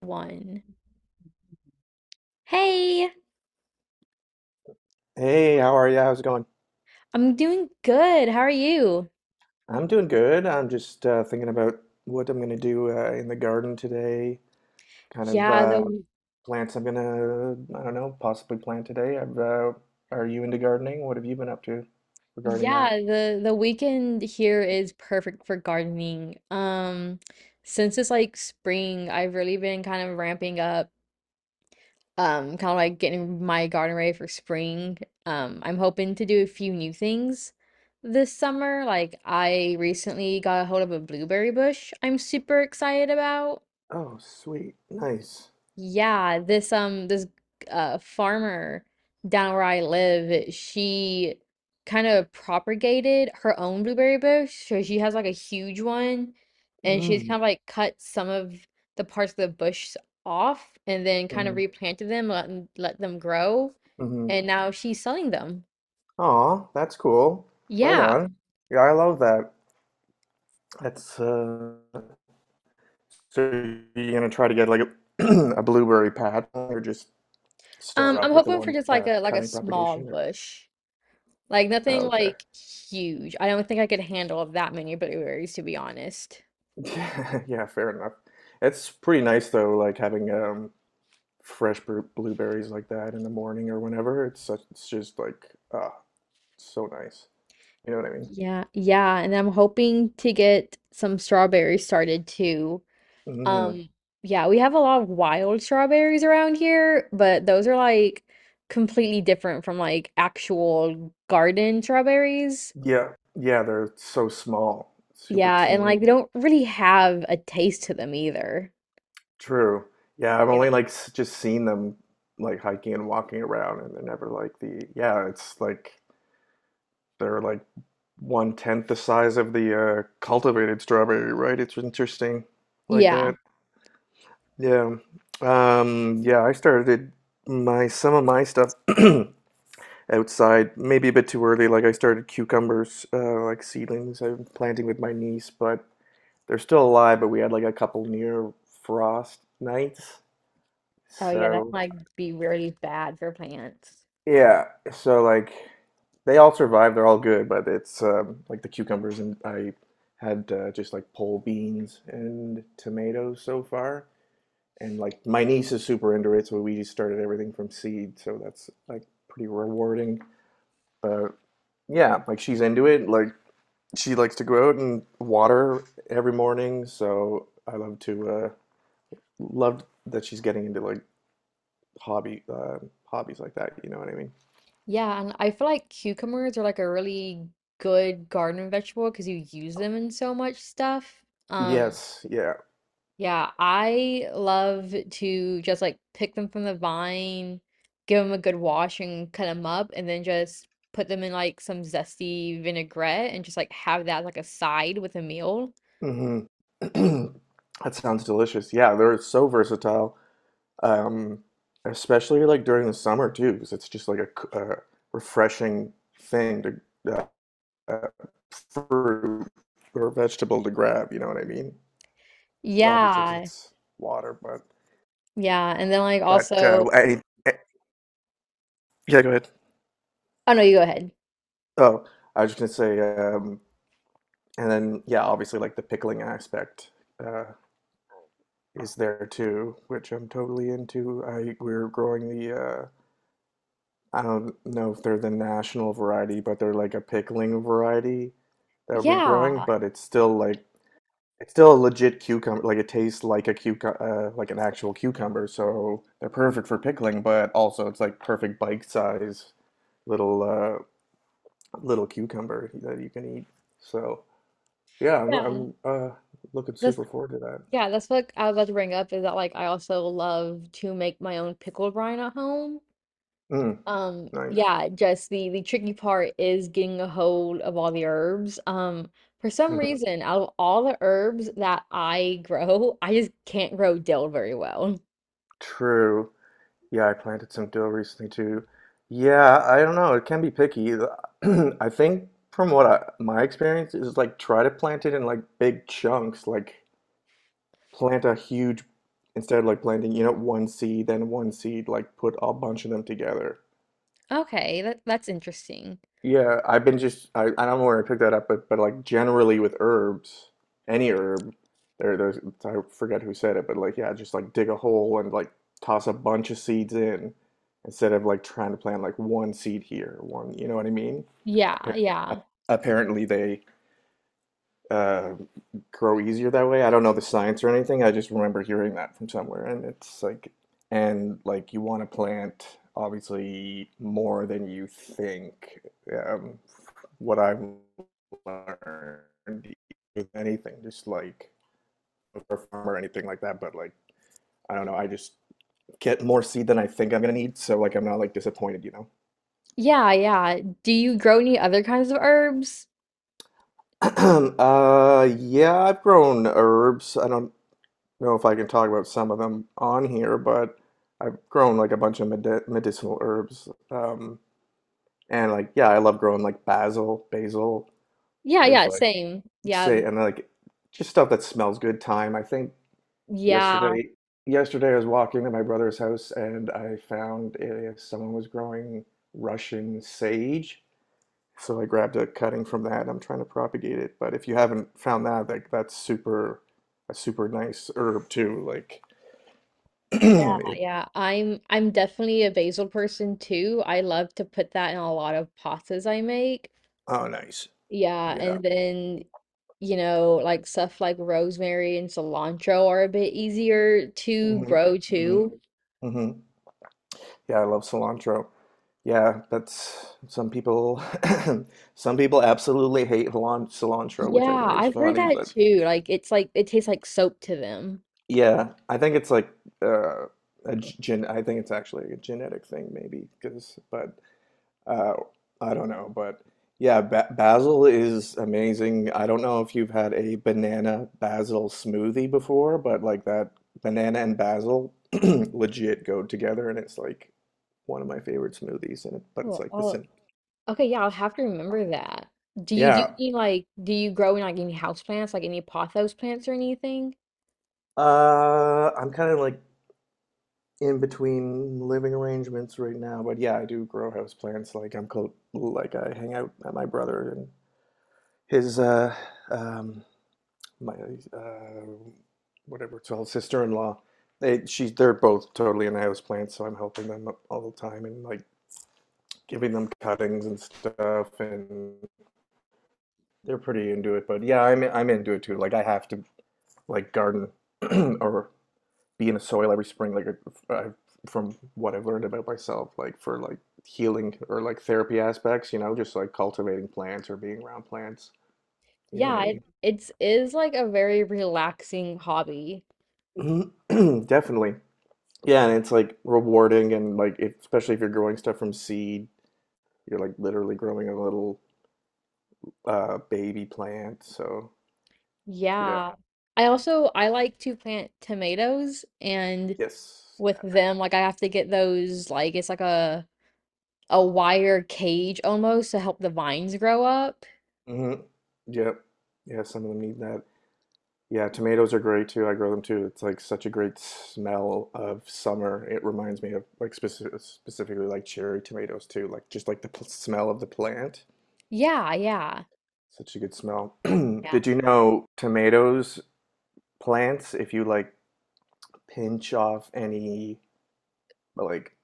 One. Hey, Hey, how are you? How's it going? I'm doing good. How are you? I'm doing good. I'm just thinking about what I'm gonna do in the garden today. Kind of Yeah, the plants I'm gonna, I don't know, possibly plant today. Are you into gardening? What have you been up to regarding that? yeah, the weekend here is perfect for gardening. Since it's like spring, I've really been kind of ramping up, kind of like getting my garden ready for spring. I'm hoping to do a few new things this summer. Like I recently got a hold of a blueberry bush I'm super excited about. Oh, sweet, nice. Yeah, this farmer down where I live, she kind of propagated her own blueberry bush. So she has like a huge one and she's Mm, kind of like cut some of the parts of the bush off and then kind of mm, replanted them, let them grow. mm-hmm. And now she's selling them. Aw, that's cool. Right Yeah. on. Yeah, I love that. That's so you're gonna try to get like a, a blueberry patch or just start I'm off with the hoping for one just like a cutting small propagation or bush. Like oh, nothing okay like huge. I don't think I could handle that many blueberries to be honest. yeah, fair enough. It's pretty nice though, like having fresh blueberries like that in the morning or whenever. It's such, it's just like ah, so nice, you know what I mean? Yeah, yeah, and I'm hoping to get some strawberries started too. Mm. Um, yeah, we have a lot of wild strawberries around here, but those are like completely different from like actual garden strawberries. Yeah, yeah, they're so small, super Yeah, and teeny. like they don't really have a taste to them either. True. Yeah, I've Yeah. only like just seen them like hiking and walking around, and they're never like the, yeah, it's like they're like one tenth the size of the cultivated strawberry, right? It's interesting like Yeah. that. Yeah. Yeah, I started my, some of my stuff outside, maybe a bit too early. Like I started cucumbers, like seedlings I'm planting with my niece, but they're still alive, but we had like a couple near frost nights. Oh yeah, that So might be really bad for plants. yeah, so like they all survive, they're all good, but it's like the cucumbers and I had just like pole beans and tomatoes so far. And like my niece is super into it, so we just started everything from seed, so that's like pretty rewarding. But yeah, like she's into it. Like she likes to go out and water every morning, so I love to love that she's getting into like hobby hobbies like that, you know what I mean? Yeah, and I feel like cucumbers are like a really good garden vegetable because you use them in so much stuff. Um, Yes, yeah. Yeah, I love to just like pick them from the vine, give them a good wash and cut them up, and then just put them in like some zesty vinaigrette and just like have that like a side with a meal. Hmm. That sounds delicious. Yeah, they're so versatile, um, especially like during the summer too, because it's just like a, refreshing thing to uh, uh, fruit or vegetable to grab. You know what I mean? Obviously, because Yeah, it's water, yeah, and then like but also, any, eh, yeah, go ahead. oh no, you go ahead. Oh, I was just gonna say, and then yeah, obviously like the pickling aspect uh, is there too, which I'm totally into. I, we're growing the. I don't know if they're the national variety, but they're like a pickling variety that we're growing, Yeah, but it's still like it's still a legit cucumber. Like it tastes like a cucumber, like an actual cucumber, so they're perfect for pickling, but also it's like perfect bite size little little cucumber that you can eat. So, yeah, I'm yeah, I'm uh looking that's super forward to that. yeah, that's what I was about to bring up is that like I also love to make my own pickle brine at home. Mm, nice. Yeah, just the tricky part is getting a hold of all the herbs. For some Mhm. reason, out of all the herbs that I grow, I just can't grow dill very well. True. Yeah, I planted some dill recently too. Yeah, I don't know. It can be picky. I think from what I, my experience is like try to plant it in like big chunks, like plant a huge instead of like planting, you know, one seed, then one seed, like put a bunch of them together. Okay, that's interesting. Yeah, I've been just I don't know where I picked that up, but like generally with herbs, any herb, there's I forget who said it, but like yeah, just like dig a hole and like toss a bunch of seeds in instead of like trying to plant like one seed here, one, you know what I mean? Yeah, Appar- yeah. Apparently they uh grow easier that way. I don't know the science or anything. I just remember hearing that from somewhere, and it's like, and like you want to plant obviously more than you think. Um, what I've learned with anything, just like a farm or anything like that. But like, I don't know. I just get more seed than I think I'm gonna need, so like I'm not like disappointed, you know. Yeah, yeah. Do you grow any other kinds of herbs? Yeah, I've grown herbs. I don't. Know if I can talk about some of them on here, but I've grown like a bunch of medicinal herbs. And like, yeah, I love growing like basil. Yeah, There's yeah, like same. Yeah, say and like just stuff that smells good. Thyme. I think yeah, yesterday, yesterday I was walking to my brother's house and I found someone was growing Russian sage. So I grabbed a cutting from that. I'm trying to propagate it. But if you haven't found that, like a super nice herb too. Like. yeah, yeah. I'm definitely a basil person too. I love to put that in a lot of pastas I make. Oh, nice. Yeah, Yeah. and then you know, like stuff like rosemary and cilantro are a bit easier to Hmm. grow Hmm. too. Hmm. Yeah, I love cilantro. Yeah, that's some people some people absolutely hate cilantro, which I Yeah, think is I've heard funny, that but too. Like it's like it tastes like soap to them. yeah, I think it's like uh a g- gen I think it's actually a genetic thing maybe because but uh, I don't know, but yeah, ba basil is amazing. I don't know if you've had a banana basil smoothie before, but like that banana and basil legit go together, and it's like one of my favorite smoothies. And it, but it's like the Oh. sim. Okay, yeah, I'll have to remember that. Do you do Yeah, any like do you grow in like any house plants, like any pothos plants or anything? I'm kind of like in between living arrangements right now, but yeah, I do grow house plants. Like I'm close, like I hang out at my brother and his um, my uh, whatever it's called, sister-in-law. They, she, they're both totally into plants, so I'm helping them all the time and like giving them cuttings and stuff, and they're pretty into it. But yeah, I'm into it too. Like I have to like garden or be in the soil every spring. Like I, from what I've learned about myself, like for like healing or like therapy aspects, you know, just like cultivating plants or being around plants. You know what Yeah, it it's is like a very relaxing hobby. I mean? Definitely. Yeah, and it's like rewarding and like if, especially if you're growing stuff from seed, you're like literally growing a little baby plant. So yeah. Yeah. I like to plant tomatoes and Yes. with them like I have to get those like it's like a wire cage almost to help the vines grow up. Yeah. Mm-hmm. Yep. Yeah, some of them need that. Yeah, tomatoes are great too. I grow them too. It's like such a great smell of summer. It reminds me of like specifically like cherry tomatoes too, like just like the smell of the plant. Yeah, yeah. Such a good smell. Yeah. Did you know tomatoes plants, if you like pinch off any like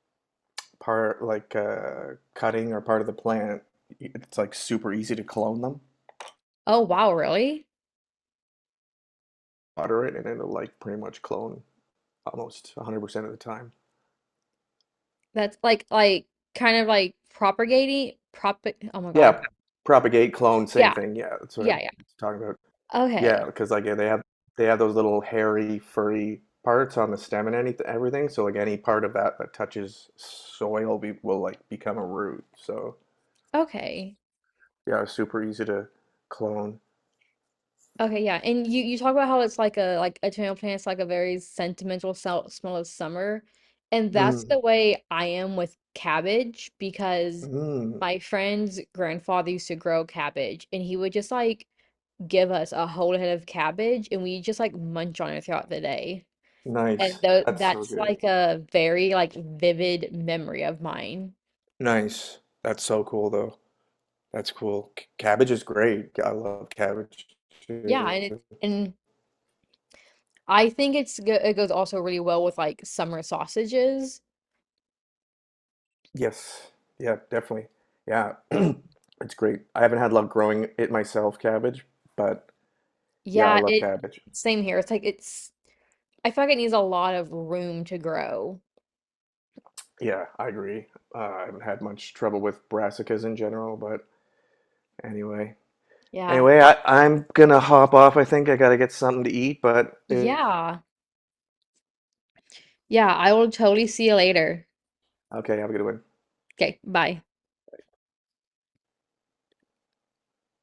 part like cutting or part of the plant, it's like super easy to clone them. Oh wow, really? Water it, and it'll like pretty much clone almost 100% of the time. That's like kind of like propagating prop oh my God. Yeah, propagate, clone, same Yeah. thing. Yeah, that's what Yeah, I'm yeah. talking about. Yeah, Okay. because like yeah, they have those little hairy, furry parts on the stem and anything, everything. So like any part of that that touches soil will like become a root. So Okay. yeah, it's super easy to clone. Okay, yeah. And you talk about how it's like a tomato plant's like a very sentimental smell of summer. And that's Mm, the way I am with cabbage because mm, my friend's grandfather used to grow cabbage and he would just like give us a whole head of cabbage and we just like munch on it throughout the day. And nice. though That's so that's good. like a very like vivid memory of mine. Nice. That's so cool, though. That's cool. Cabbage is great. I love cabbage Yeah, too. and I think it goes also really well with like summer sausages. Yes. Yeah, definitely. Yeah. It's great. I haven't had luck growing it myself, cabbage, but yeah, I Yeah, love it cabbage. Same here. It's like it's I feel like it needs a lot of room to grow. Yeah, I agree. I haven't had much trouble with brassicas in general, but anyway. Yeah. Anyway, I'm gonna hop off. I think I gotta get something to eat, but eh, Yeah. Yeah, I will totally see you later. okay, have a good one. Okay, bye.